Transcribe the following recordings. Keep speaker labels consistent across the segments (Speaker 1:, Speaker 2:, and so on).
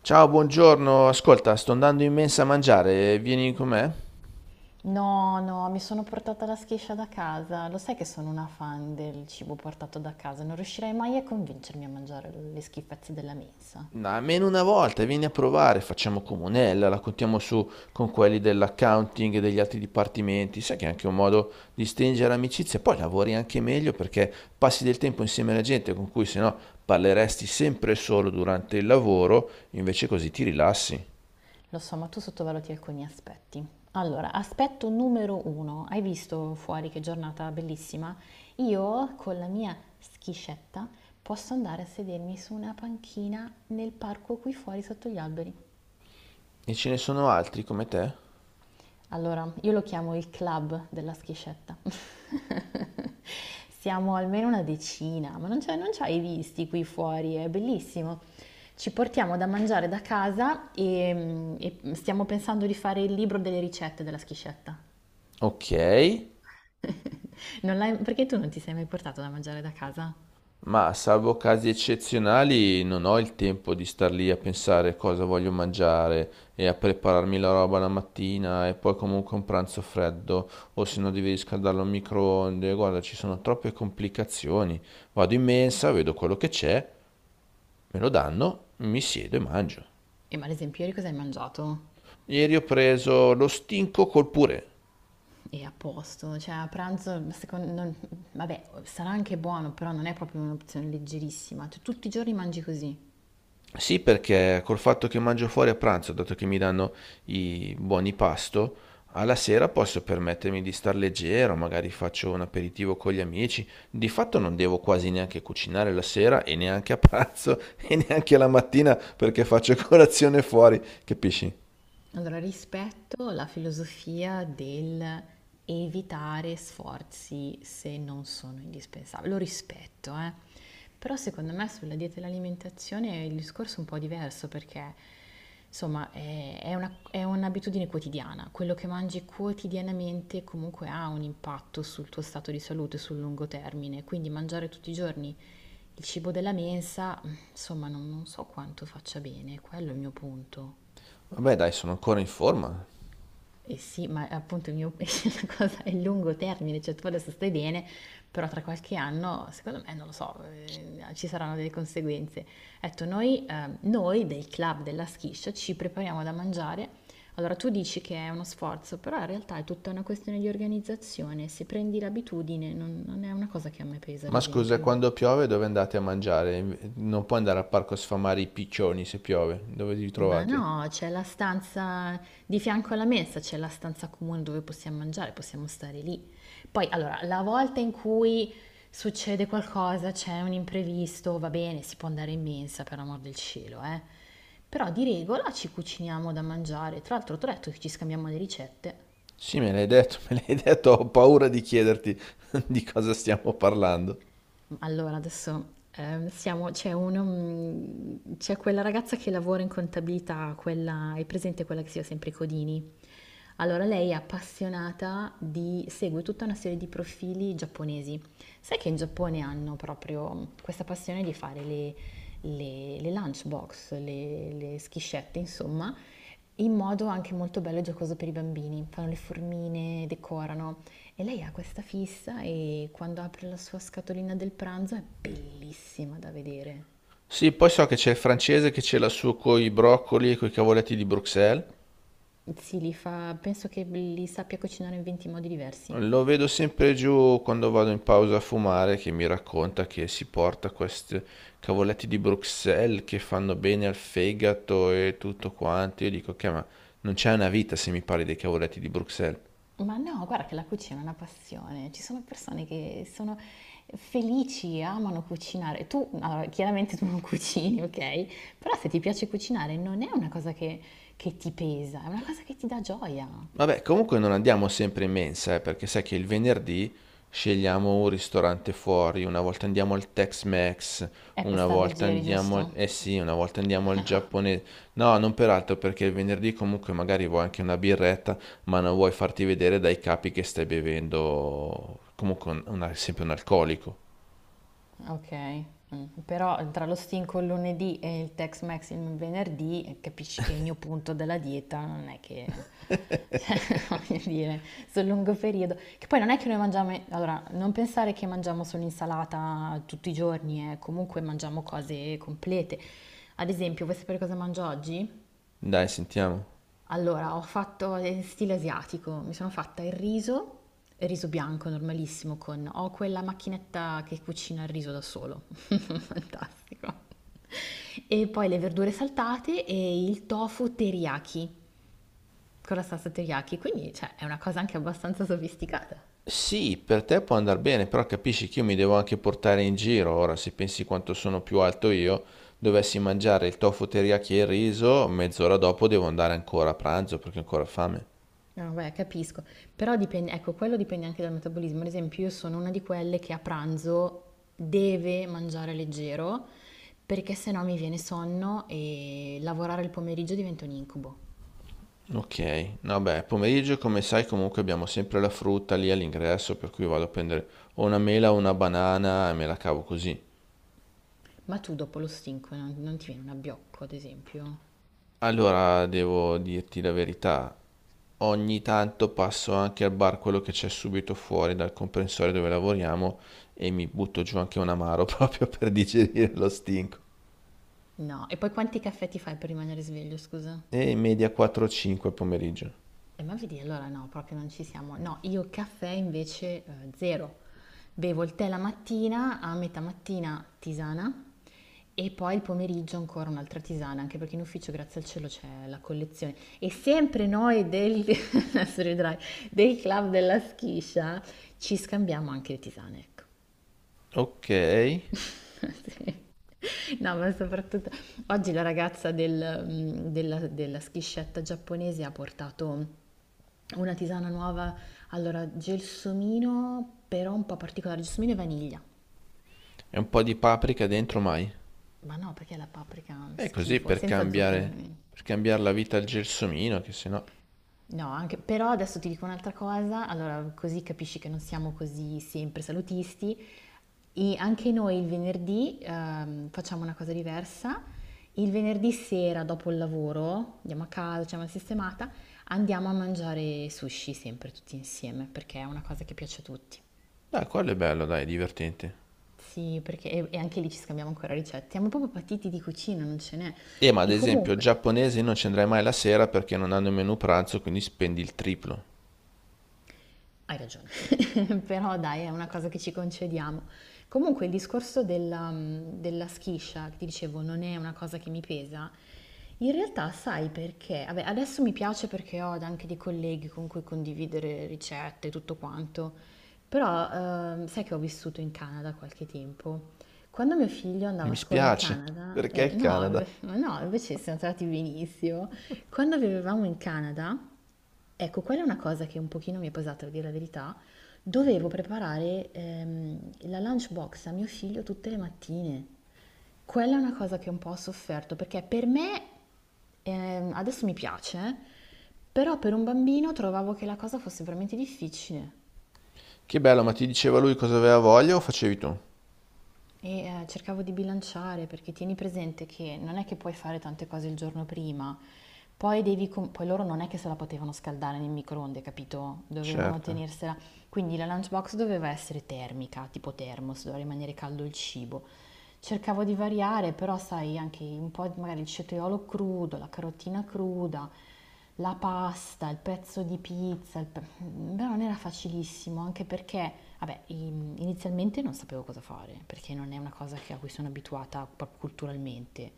Speaker 1: Ciao, buongiorno. Ascolta, sto andando in mensa a mangiare, vieni con me?
Speaker 2: No, no, mi sono portata la schiscia da casa. Lo sai che sono una fan del cibo portato da casa, non riuscirei mai a convincermi a mangiare le schifezze della mensa.
Speaker 1: No, almeno una volta, vieni a provare, facciamo comunella, la contiamo su con quelli dell'accounting e degli altri dipartimenti. Sai che è anche un modo di stringere amicizia, poi lavori anche meglio perché passi del tempo insieme alla gente con cui sennò parleresti sempre solo durante il lavoro, invece così ti rilassi.
Speaker 2: Lo so, ma tu sottovaluti alcuni aspetti. Allora, aspetto numero uno. Hai visto fuori che giornata bellissima? Io con la mia schiscetta posso andare a sedermi su una panchina nel parco qui fuori sotto gli alberi.
Speaker 1: E ce ne sono altri come te?
Speaker 2: Allora, io lo chiamo il club della schiscetta. Siamo almeno una decina, ma non ci hai visti qui fuori, è bellissimo. Ci portiamo da mangiare da casa e stiamo pensando di fare il libro delle ricette della schiscetta.
Speaker 1: Ok.
Speaker 2: Non l'hai- perché tu non ti sei mai portato da mangiare da casa?
Speaker 1: Ma salvo casi eccezionali non ho il tempo di star lì a pensare cosa voglio mangiare e a prepararmi la roba la mattina e poi comunque un pranzo freddo o se no devi riscaldarlo al microonde. Guarda, ci sono troppe complicazioni. Vado in mensa, vedo quello che c'è, me lo danno, mi siedo e mangio.
Speaker 2: E ma ad esempio ieri cosa hai mangiato?
Speaker 1: Ieri ho preso lo stinco col purè.
Speaker 2: E a posto, cioè a pranzo, secondo, vabbè, sarà anche buono, però non è proprio un'opzione leggerissima. Tu tutti i giorni mangi così.
Speaker 1: Sì, perché col fatto che mangio fuori a pranzo, dato che mi danno i buoni pasto, alla sera posso permettermi di star leggero, magari faccio un aperitivo con gli amici. Di fatto non devo quasi neanche cucinare la sera e neanche a pranzo e neanche la mattina perché faccio colazione fuori, capisci?
Speaker 2: Allora, rispetto la filosofia del evitare sforzi se non sono indispensabili, lo rispetto, eh. Però secondo me sulla dieta e l'alimentazione il discorso è un po' diverso perché, insomma, è è un'abitudine quotidiana. Quello che mangi quotidianamente comunque ha un impatto sul tuo stato di salute sul lungo termine, quindi mangiare tutti i giorni il cibo della mensa, insomma, non so quanto faccia bene, quello è il mio punto.
Speaker 1: Vabbè, dai, sono ancora in forma.
Speaker 2: Eh sì, ma appunto il mio, la cosa è il lungo termine, cioè tu adesso stai bene, però tra qualche anno, secondo me, non lo so, ci saranno delle conseguenze. Ho detto, noi del club della schiscia ci prepariamo da mangiare. Allora tu dici che è uno sforzo, però in realtà è tutta una questione di organizzazione. Se prendi l'abitudine, non è una cosa che a me pesa, ad
Speaker 1: Ma scusa,
Speaker 2: esempio.
Speaker 1: quando piove dove andate a mangiare? Non puoi andare al parco a sfamare i piccioni se piove. Dove vi
Speaker 2: Ma
Speaker 1: trovate?
Speaker 2: no, c'è la stanza di fianco alla mensa, c'è la stanza comune dove possiamo mangiare, possiamo stare lì. Poi, allora, la volta in cui succede qualcosa, c'è un imprevisto, va bene, si può andare in mensa, per amor del cielo, eh. Però di regola ci cuciniamo da mangiare. Tra l'altro, ti ho detto che ci scambiamo le ricette.
Speaker 1: Sì, me l'hai detto, me l'hai detto, ho paura di chiederti di cosa stiamo parlando.
Speaker 2: Allora adesso, siamo c'è uno mhmm, c'è quella ragazza che lavora in contabilità, quella hai presente quella che si chiama sempre Codini? Allora lei è appassionata di segue tutta una serie di profili giapponesi. Sai che in Giappone hanno proprio questa passione di fare le lunchbox, le schiscette, insomma, in modo anche molto bello e giocoso per i bambini. Fanno le formine, decorano e lei ha questa fissa e quando apre la sua scatolina del pranzo è bellissima da vedere.
Speaker 1: Sì, poi so che c'è il francese che ce l'ha su coi broccoli e coi cavoletti di Bruxelles.
Speaker 2: Sì, li fa, penso che li sappia cucinare in 20 modi diversi.
Speaker 1: Lo vedo sempre giù quando vado in pausa a fumare che mi racconta che si porta questi cavoletti di Bruxelles che fanno bene al fegato e tutto quanto. Io dico che ma non c'è una vita se mi parli dei cavoletti di Bruxelles.
Speaker 2: Ma no, guarda che la cucina è una passione. Ci sono persone che sono felici, amano cucinare. Tu, allora, chiaramente tu non cucini, ok? Però se ti piace cucinare non è una cosa che ti pesa, è una cosa che ti dà gioia.
Speaker 1: Vabbè, comunque non andiamo sempre in mensa, perché sai che il venerdì scegliamo un ristorante fuori, una volta andiamo al Tex-Mex,
Speaker 2: È per
Speaker 1: una
Speaker 2: star
Speaker 1: volta
Speaker 2: leggeri,
Speaker 1: andiamo,
Speaker 2: giusto?
Speaker 1: eh sì, una volta andiamo al giapponese. No, non peraltro, perché il venerdì comunque magari vuoi anche una birretta, ma non vuoi farti vedere dai capi che stai bevendo comunque sempre un alcolico.
Speaker 2: Ok, mm. però tra lo stinco il lunedì e il Tex-Mex il venerdì capisci che il mio punto della dieta non è che, cioè, voglio dire, sul lungo periodo, che poi non è che noi mangiamo, allora, non pensare che mangiamo solo insalata tutti i giorni, comunque mangiamo cose complete. Ad esempio, vuoi sapere cosa mangio oggi?
Speaker 1: Dai, sentiamo.
Speaker 2: Allora, ho fatto in stile asiatico, mi sono fatta il riso bianco normalissimo con... Ho quella macchinetta che cucina il riso da solo, fantastico. E poi le verdure saltate e il tofu teriyaki, con la salsa teriyaki, quindi cioè, è una cosa anche abbastanza sofisticata.
Speaker 1: Sì, per te può andare bene, però capisci che io mi devo anche portare in giro. Ora, se pensi quanto sono più alto io, dovessi mangiare il tofu teriyaki e il riso, mezz'ora dopo devo andare ancora a pranzo perché ho ancora fame.
Speaker 2: No, beh, capisco. Però dipende, ecco, quello dipende anche dal metabolismo. Ad esempio, io sono una di quelle che a pranzo deve mangiare leggero perché sennò mi viene sonno e lavorare il pomeriggio diventa un incubo.
Speaker 1: Ok, vabbè, pomeriggio come sai comunque abbiamo sempre la frutta lì all'ingresso, per cui vado a prendere o una mela o una banana e me la cavo così.
Speaker 2: Ma tu dopo lo stinco non ti viene un abbiocco, ad esempio?
Speaker 1: Allora, devo dirti la verità, ogni tanto passo anche al bar quello che c'è subito fuori dal comprensorio dove lavoriamo e mi butto giù anche un amaro proprio per digerire lo stinco.
Speaker 2: No. E poi quanti caffè ti fai per rimanere sveglio, scusa?
Speaker 1: E in media 4-5 al pomeriggio.
Speaker 2: Ma vedi, allora no, proprio non ci siamo. No, io caffè invece zero. Bevo il tè la mattina, a metà mattina tisana e poi il pomeriggio ancora un'altra tisana, anche perché in ufficio, grazie al cielo, c'è la collezione. E sempre noi del, adesso riderai, del club della schiscia ci scambiamo anche le tisane, ecco.
Speaker 1: Ok, e
Speaker 2: Sì. No, ma soprattutto oggi la ragazza della schiscetta giapponese ha portato una tisana nuova, allora gelsomino, però un po' particolare, gelsomino e vaniglia.
Speaker 1: un po' di paprika dentro mai.
Speaker 2: Ma no, perché la paprika è
Speaker 1: E così
Speaker 2: schifo, senza zucchero, ovviamente.
Speaker 1: per cambiare la vita al gelsomino, che sennò...
Speaker 2: No, anche, però adesso ti dico un'altra cosa, allora così capisci che non siamo così sempre salutisti. E anche noi il venerdì facciamo una cosa diversa. Il venerdì sera dopo il lavoro, andiamo a casa, facciamo la sistemata, andiamo a mangiare sushi sempre tutti insieme perché è una cosa che piace a tutti.
Speaker 1: Dai, quello è bello, dai, è divertente.
Speaker 2: Sì, perché e anche lì ci scambiamo ancora ricette. Siamo proprio patiti di cucina, non ce n'è.
Speaker 1: E ma ad
Speaker 2: E
Speaker 1: esempio,
Speaker 2: comunque.
Speaker 1: giapponesi non ci andrai mai la sera perché non hanno il menù pranzo, quindi spendi il triplo.
Speaker 2: Hai ragione, però dai, è una cosa che ci concediamo. Comunque il discorso della schiscia, che ti dicevo, non è una cosa che mi pesa, in realtà sai perché? Vabbè, adesso mi piace perché ho anche dei colleghi con cui condividere ricette e tutto quanto, però sai che ho vissuto in Canada qualche tempo. Quando mio figlio andava
Speaker 1: Mi
Speaker 2: a scuola in
Speaker 1: spiace,
Speaker 2: Canada,
Speaker 1: perché il
Speaker 2: no,
Speaker 1: Canada?
Speaker 2: no, invece siamo andati benissimo, quando vivevamo in Canada, ecco, quella è una cosa che un pochino mi è pesata, a dire la verità. Dovevo preparare la lunchbox a mio figlio tutte le mattine. Quella è una cosa che un po' ho sofferto, perché per me adesso mi piace, però per un bambino trovavo che la cosa fosse veramente difficile.
Speaker 1: Che bello, ma ti diceva lui cosa aveva voglia o facevi tu?
Speaker 2: Cercavo di bilanciare perché tieni presente che non è che puoi fare tante cose il giorno prima, poi devi poi loro non è che se la potevano scaldare nel microonde, capito? Dovevano
Speaker 1: Certo.
Speaker 2: tenersela. Quindi la lunchbox doveva essere termica, tipo thermos, doveva rimanere caldo il cibo. Cercavo di variare, però sai, anche un po' di- magari il cetriolo crudo, la carotina cruda, la pasta, il pezzo di pizza, il però non era facilissimo, anche perché, vabbè, inizialmente non sapevo cosa fare, perché non è una cosa che- a cui sono abituata proprio culturalmente.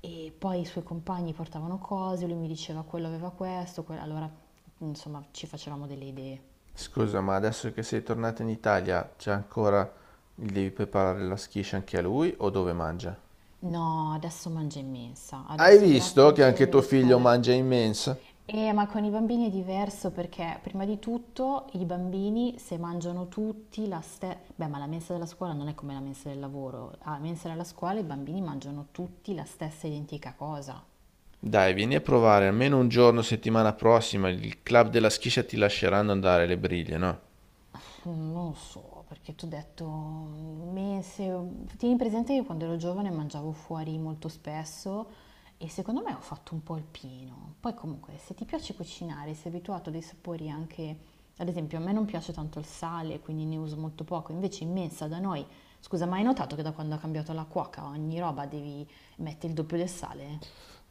Speaker 2: E poi i suoi compagni portavano cose, lui mi diceva quello aveva questo, allora insomma ci facevamo delle idee.
Speaker 1: Scusa, ma adesso che sei tornata in Italia, c'è ancora... Gli devi preparare la schiscia anche a lui o dove mangia?
Speaker 2: No, adesso mangia in mensa,
Speaker 1: Hai
Speaker 2: adesso grazie
Speaker 1: visto
Speaker 2: al
Speaker 1: che anche
Speaker 2: cielo
Speaker 1: tuo
Speaker 2: le
Speaker 1: figlio
Speaker 2: scuole.
Speaker 1: mangia immensa?
Speaker 2: Ma con i bambini è diverso perché prima di tutto i bambini se mangiano tutti la stessa... Beh, ma la mensa della scuola non è come la mensa del lavoro. Alla mensa della scuola i bambini mangiano tutti la stessa identica cosa.
Speaker 1: Dai, vieni a provare almeno un giorno settimana prossima, il club della schiscia ti lasceranno andare le briglie, no?
Speaker 2: Mm, non lo so, perché tu hai detto mese. Tieni presente che quando ero giovane mangiavo fuori molto spesso e secondo me ho fatto un po' il pieno. Poi comunque, se ti piace cucinare, sei abituato a dei sapori anche, ad esempio, a me non piace tanto il sale, quindi ne uso molto poco, invece in mensa da noi, scusa, ma hai notato che da quando ha cambiato la cuoca ogni roba devi mettere il doppio del sale?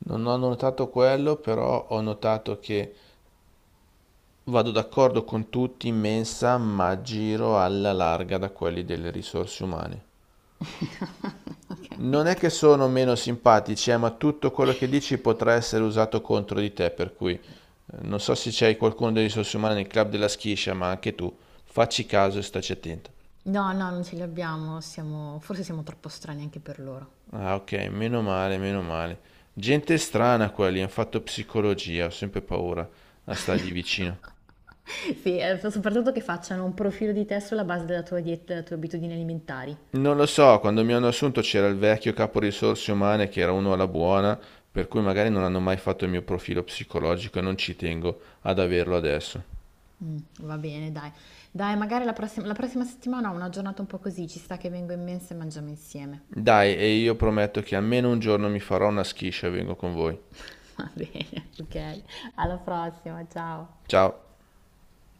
Speaker 1: Non ho notato quello, però ho notato che vado d'accordo con tutti in mensa, ma giro alla larga da quelli delle risorse umane. Non è che sono meno simpatici, ma tutto quello che dici potrà essere usato contro di te, per cui non so se c'hai qualcuno delle risorse umane nel club della schiscia, ma anche tu, facci caso e staci attenta.
Speaker 2: No, no, non ce li abbiamo, siamo, forse siamo troppo strani anche per loro.
Speaker 1: Ah, ok, meno male, meno male. Gente strana quelli, hanno fatto psicologia, ho sempre paura a stargli vicino.
Speaker 2: Sì, soprattutto che facciano un profilo di te sulla base della tua dieta, delle tue abitudini alimentari.
Speaker 1: Non lo so, quando mi hanno assunto c'era il vecchio capo risorse umane che era uno alla buona, per cui magari non hanno mai fatto il mio profilo psicologico e non ci tengo ad averlo adesso.
Speaker 2: Mm, va bene, dai. Dai, magari la prossima settimana ho una giornata un po' così, ci sta che vengo in mensa e mangiamo insieme.
Speaker 1: Dai, e io prometto che almeno un giorno mi farò una schiscia e vengo con voi.
Speaker 2: Va bene, ok. Alla prossima, ciao.
Speaker 1: Ciao.